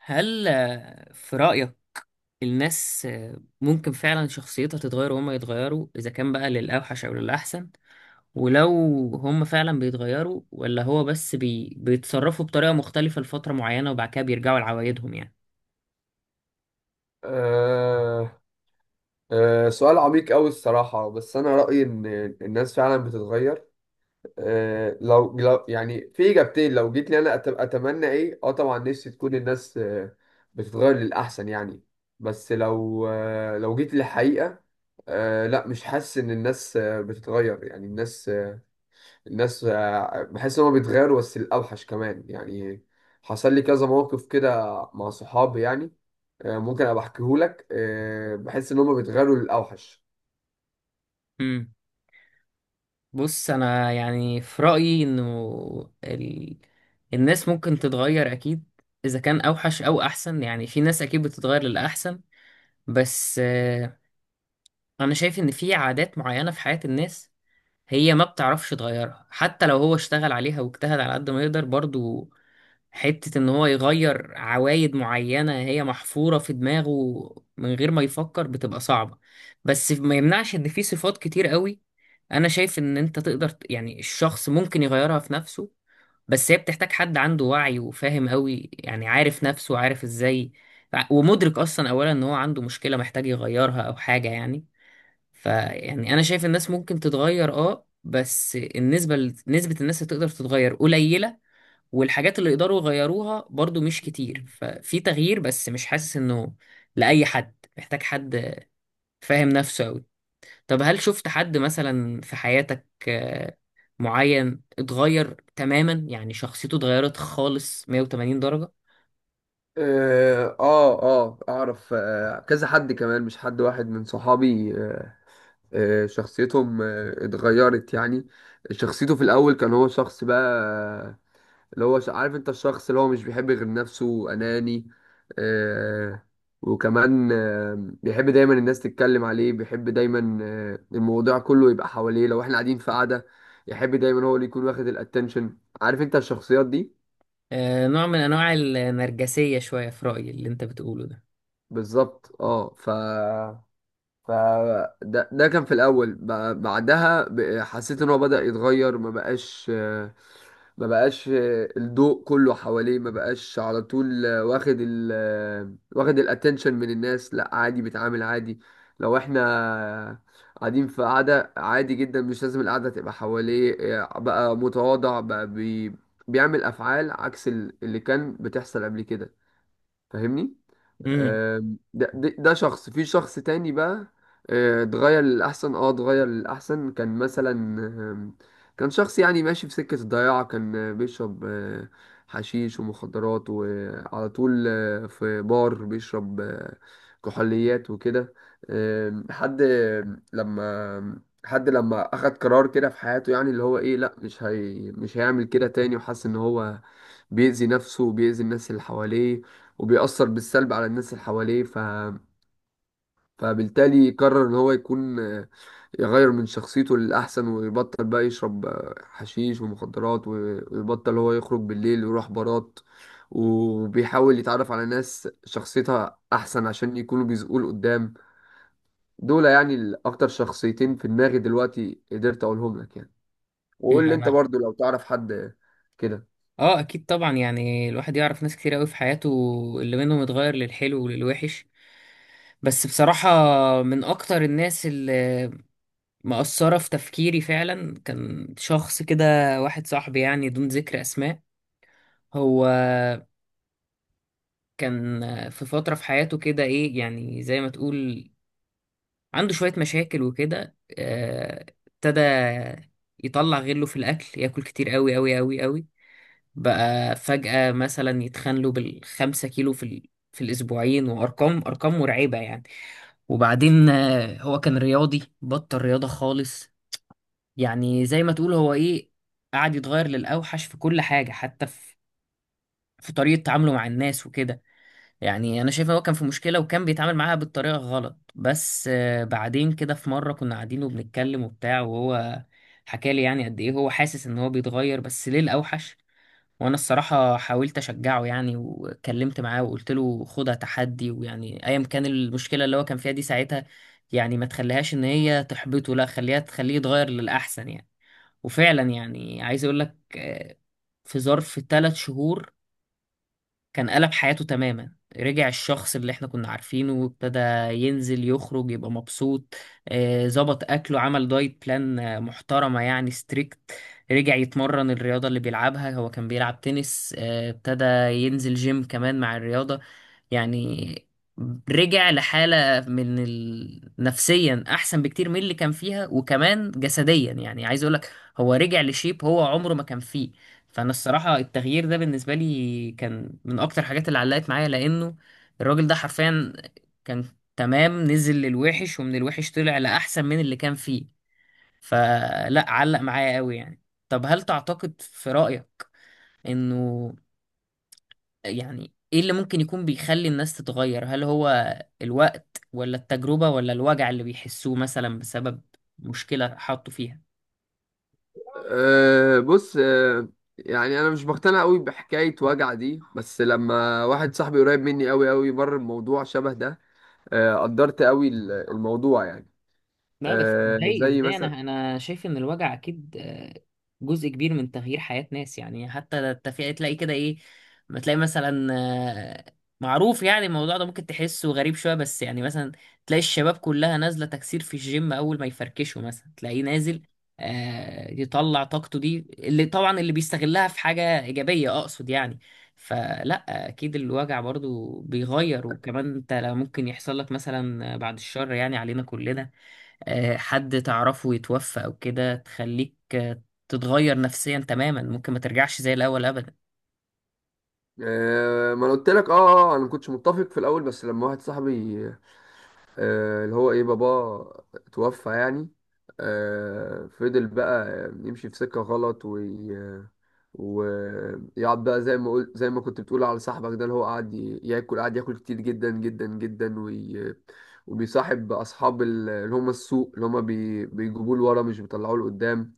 هل في رأيك الناس ممكن فعلا شخصيتها تتغير وهم يتغيروا، إذا كان بقى للأوحش أو للأحسن؟ ولو هم فعلا بيتغيروا، ولا هو بس بيتصرفوا بطريقة مختلفة لفترة معينة وبعد كده بيرجعوا لعوايدهم، يعني؟ آه سؤال عميق أوي الصراحة، بس أنا رأيي إن الناس فعلا بتتغير. لو يعني في إجابتين، لو جيت لي أنا أتمنى إيه. طبعا نفسي تكون الناس بتتغير للأحسن يعني. بس لو، لو جيت للحقيقة، لا مش حاسس إن الناس بتتغير يعني. الناس بحس إن هما بيتغيروا بس الأوحش كمان يعني. حصل لي كذا موقف كده مع صحابي يعني. ممكن ابقى احكيهولك. بحس ان هم بيتغيروا للاوحش. امم بص، أنا يعني في رأيي إنه ال... الناس ممكن تتغير أكيد. إذا كان أوحش أو أحسن، يعني في ناس أكيد بتتغير للأحسن. بس أنا شايف إن في عادات معينة في حياة الناس هي ما بتعرفش تغيرها، حتى لو هو اشتغل عليها واجتهد على قد ما يقدر برضو. حتة ان هو يغير عوايد معينة هي محفورة في دماغه من غير ما يفكر بتبقى صعبة. بس ما يمنعش ان في صفات كتير قوي، انا شايف ان انت تقدر يعني الشخص ممكن يغيرها في نفسه، بس هي بتحتاج حد عنده وعي وفاهم قوي، يعني عارف نفسه وعارف ازاي، ومدرك اصلا اولا ان هو عنده مشكلة محتاج يغيرها او حاجة يعني. فيعني انا شايف الناس ممكن تتغير، اه بس النسبه نسبه الناس اللي تقدر تتغير قليله، والحاجات اللي يقدروا يغيروها برضو مش كتير. ففي تغيير، بس مش حاسس انه لاي حد، محتاج حد فاهم نفسه قوي. طب هل شفت حد مثلا في حياتك معين اتغير تماما، يعني شخصيته اتغيرت خالص 180 درجة؟ اعرف كذا حد، كمان مش حد واحد، من صحابي. شخصيتهم اتغيرت يعني. شخصيته في الاول كان هو شخص بقى، عارف انت الشخص اللي هو مش بيحب غير نفسه، اناني. آه وكمان آه بيحب دايما الناس تتكلم عليه، بيحب دايما، الموضوع كله يبقى حواليه. لو احنا قاعدين في قعدة، يحب دايما هو اللي يكون واخد الاتنشن. عارف انت الشخصيات دي؟ آه، نوع من انواع النرجسية شوية في رأيي اللي انت بتقوله ده. بالظبط. ف ده كان في الاول. بعدها حسيت ان هو بدأ يتغير، ما بقاش، ما بقاش الضوء كله حواليه، ما بقاش على طول واخد ال واخد الاتنشن من الناس. لا عادي، بيتعامل عادي. لو احنا قاعدين في قعدة عادي جدا، مش لازم القعدة تبقى حواليه. بقى متواضع، بقى بيعمل افعال عكس اللي كان بتحصل قبل كده. فاهمني؟ ده شخص في شخص تاني بقى. اتغير للأحسن. كان مثلا، آم، كان شخص يعني ماشي في سكة الضياع. كان بيشرب حشيش ومخدرات، وعلى طول في بار بيشرب كحوليات وكده. آم، حد آم، لما حد لما أخد قرار كده في حياته، يعني اللي هو ايه، لأ مش هيعمل كده تاني. وحس ان هو بيأذي نفسه وبيأذي الناس اللي حواليه، وبيأثر بالسلب على الناس اللي حواليه. فبالتالي قرر ان هو يكون، يغير من شخصيته للأحسن، ويبطل بقى يشرب حشيش ومخدرات، ويبطل هو يخرج بالليل ويروح بارات، وبيحاول يتعرف على ناس شخصيتها أحسن عشان يكونوا بيزقوه لقدام. دول يعني الأكتر شخصيتين في دماغي دلوقتي قدرت أقولهم لك يعني. وقول لي أنت امم برضو لو تعرف حد كده. اه اكيد طبعا، يعني الواحد يعرف ناس كتير قوي في حياته اللي منهم اتغير للحلو وللوحش. بس بصراحة، من اكتر الناس اللي مأثرة في تفكيري فعلا كان شخص كده، واحد صاحبي يعني دون ذكر اسماء. هو كان في فترة في حياته كده ايه، يعني زي ما تقول عنده شوية مشاكل وكده. ابتدى يطلع غله في الاكل، ياكل كتير قوي قوي قوي قوي. بقى فجأة مثلا يتخانلوا بالخمسة كيلو في الأسبوعين، وأرقام أرقام مرعبة يعني. وبعدين هو كان رياضي بطل رياضة خالص، يعني زي ما تقول هو إيه. قعد يتغير للأوحش في كل حاجة، حتى في في طريقة تعامله مع الناس وكده. يعني أنا شايف إن هو كان في مشكلة وكان بيتعامل معاها بالطريقة غلط. بس بعدين كده في مرة كنا قاعدين وبنتكلم وبتاع، وهو حكالي يعني قد إيه هو حاسس إن هو بيتغير بس ليه الأوحش. وانا الصراحه حاولت اشجعه يعني، وكلمت معاه وقلت له خدها تحدي، ويعني ايا كان المشكله اللي هو كان فيها دي ساعتها، يعني ما تخليهاش ان هي تحبطه، لا خليها تخليه يتغير للاحسن يعني. وفعلا يعني عايز اقول لك، في ظرف 3 شهور كان قلب حياته تماما. رجع الشخص اللي احنا كنا عارفينه، وابتدى ينزل يخرج يبقى مبسوط. ظبط اكله، عمل دايت بلان محترمة يعني ستريكت. رجع يتمرن الرياضة اللي بيلعبها، هو كان بيلعب تنس. ابتدى ينزل جيم كمان مع الرياضة. يعني رجع لحالة من نفسيا احسن بكتير من اللي كان فيها، وكمان جسديا. يعني عايز اقولك هو رجع لشيب هو عمره ما كان فيه. فانا الصراحه التغيير ده بالنسبه لي كان من اكتر الحاجات اللي علقت معايا، لانه الراجل ده حرفيا كان تمام، نزل للوحش ومن الوحش طلع لاحسن من اللي كان فيه. فلا علق معايا قوي يعني. طب هل تعتقد في رايك انه، يعني ايه اللي ممكن يكون بيخلي الناس تتغير؟ هل هو الوقت، ولا التجربه، ولا الوجع اللي بيحسوه مثلا بسبب مشكله حطوا فيها؟ بص يعني انا مش بقتنع قوي بحكايه وجع دي، بس لما واحد صاحبي قريب مني قوي قوي مر بموضوع شبه ده، قدرت قوي الموضوع يعني. لا بس ازاي، زي انا مثلا. انا شايف ان الوجع اكيد جزء كبير من تغيير حياة ناس، يعني حتى التفريق تلاقي كده ايه، ما تلاقي مثلا معروف يعني الموضوع ده ممكن تحسه غريب شوية، بس يعني مثلا تلاقي الشباب كلها نازلة تكسير في الجيم اول ما يفركشوا، مثلا تلاقيه نازل يطلع طاقته دي، اللي طبعا اللي بيستغلها في حاجة إيجابية أقصد يعني. فلا أكيد الوجع برضو بيغير. وكمان أنت لا ممكن يحصل لك مثلا بعد الشر يعني علينا كلنا، حد تعرفه يتوفى او كده تخليك تتغير نفسيا تماما، ممكن ما ترجعش زي الاول ابدا. ما انا قلت لك. انا ما كنتش متفق في الاول، بس لما واحد صاحبي، اللي هو ايه، باباه توفى يعني. فضل بقى يمشي في سكه غلط، ويقعد بقى زي ما قلت، زي ما كنت بتقول على صاحبك ده اللي هو قاعد ياكل، قاعد ياكل كتير جدا جدا جدا، وبيصاحب اصحاب اللي هم السوق، اللي هم بيجيبوه لورا، مش بيطلعوه لقدام.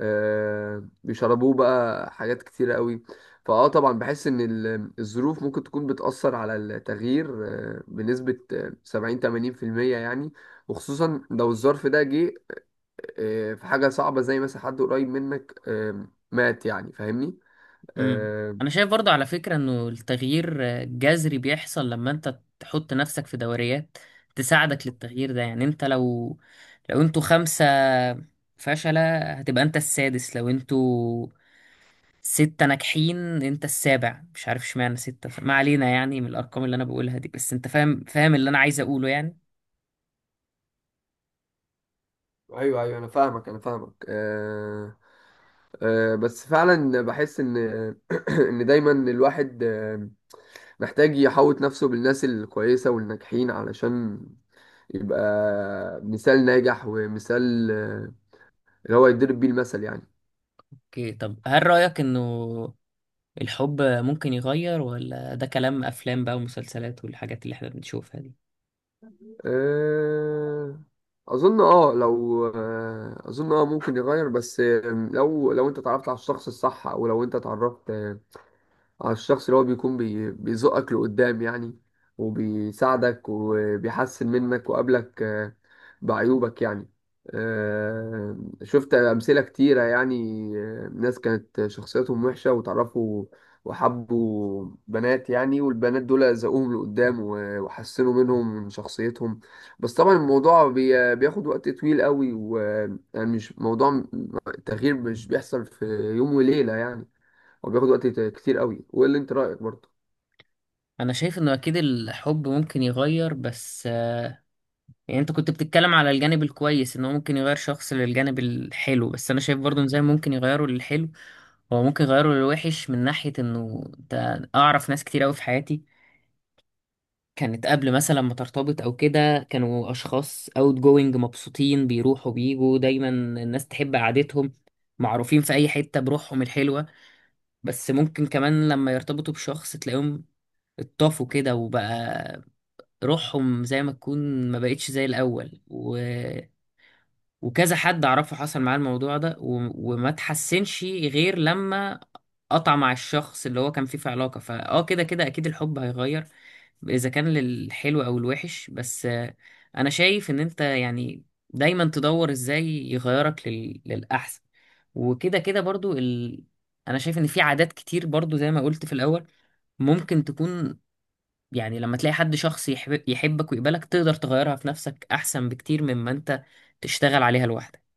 بيشربوه بقى حاجات كتيرة قوي. طبعا بحس ان الظروف ممكن تكون بتأثر على التغيير بنسبة 70 80% يعني. وخصوصا لو الظرف ده جه في حاجة صعبة، زي مثلا حد قريب منك مات يعني. فاهمني؟ امم آه، انا شايف برضو على فكرة انه التغيير جذري بيحصل لما انت تحط نفسك في دوريات تساعدك للتغيير ده. يعني انت لو لو انتوا خمسة فشلة هتبقى انت السادس، لو انتوا ستة ناجحين انت السابع. مش عارف اشمعنى ستة، ما علينا يعني من الارقام اللي انا بقولها دي، بس انت فاهم اللي انا عايز اقوله يعني. ايوه ايوه، انا فاهمك انا فاهمك. بس فعلا بحس ان دايما الواحد محتاج يحوط نفسه بالناس الكويسه والناجحين، علشان يبقى مثال ناجح، ومثال اللي هو يضرب بيه المثل يعني. اوكي، طب هل رأيك انه الحب ممكن يغير، ولا ده كلام افلام بقى ومسلسلات والحاجات اللي احنا بنشوفها دي؟ آه، اظن اه لو آه، اظن ممكن يغير، بس لو انت اتعرفت على الشخص الصح، او لو انت اتعرفت على الشخص اللي هو بيكون بيزقك لقدام يعني، وبيساعدك، وبيحسن منك، وقابلك بعيوبك يعني. آه، شفت أمثلة كتيرة يعني. ناس كانت شخصيتهم وحشة وتعرفوا وحبوا بنات يعني، والبنات دول زقوهم لقدام وحسنوا منهم، من شخصيتهم. بس طبعا الموضوع بياخد وقت طويل قوي، ويعني مش موضوع. التغيير مش بيحصل في يوم وليلة يعني. هو بياخد وقت كتير قوي. وايه اللي انت رايك برضه؟ انا شايف انه اكيد الحب ممكن يغير، بس يعني انت كنت بتتكلم على الجانب الكويس، انه ممكن يغير شخص للجانب الحلو، بس انا شايف برضه إن زي ما ممكن يغيره للحلو هو ممكن يغيره للوحش. من ناحية انه انت اعرف ناس كتير قوي في حياتي كانت قبل مثلا ما ترتبط او كده، كانوا اشخاص اوت جوينج مبسوطين بيروحوا بيجوا، دايما الناس تحب قعدتهم، معروفين في اي حتة بروحهم الحلوة. بس ممكن كمان لما يرتبطوا بشخص تلاقيهم اتطافوا كده، وبقى روحهم زي ما تكون ما بقتش زي الأول. وكذا حد اعرفه حصل معاه الموضوع ده، وما تحسنش غير لما قطع مع الشخص اللي هو كان فيه في علاقة. فاه كده كده اكيد الحب هيغير، اذا كان للحلو او الوحش. بس انا شايف ان انت يعني دايما تدور ازاي يغيرك للاحسن. وكده كده برضو انا شايف ان في عادات كتير برضو زي ما قلت في الاول ممكن تكون، يعني لما تلاقي حد شخص يحبك ويقبلك تقدر تغيرها في نفسك احسن بكتير مما انت تشتغل عليها لوحدك.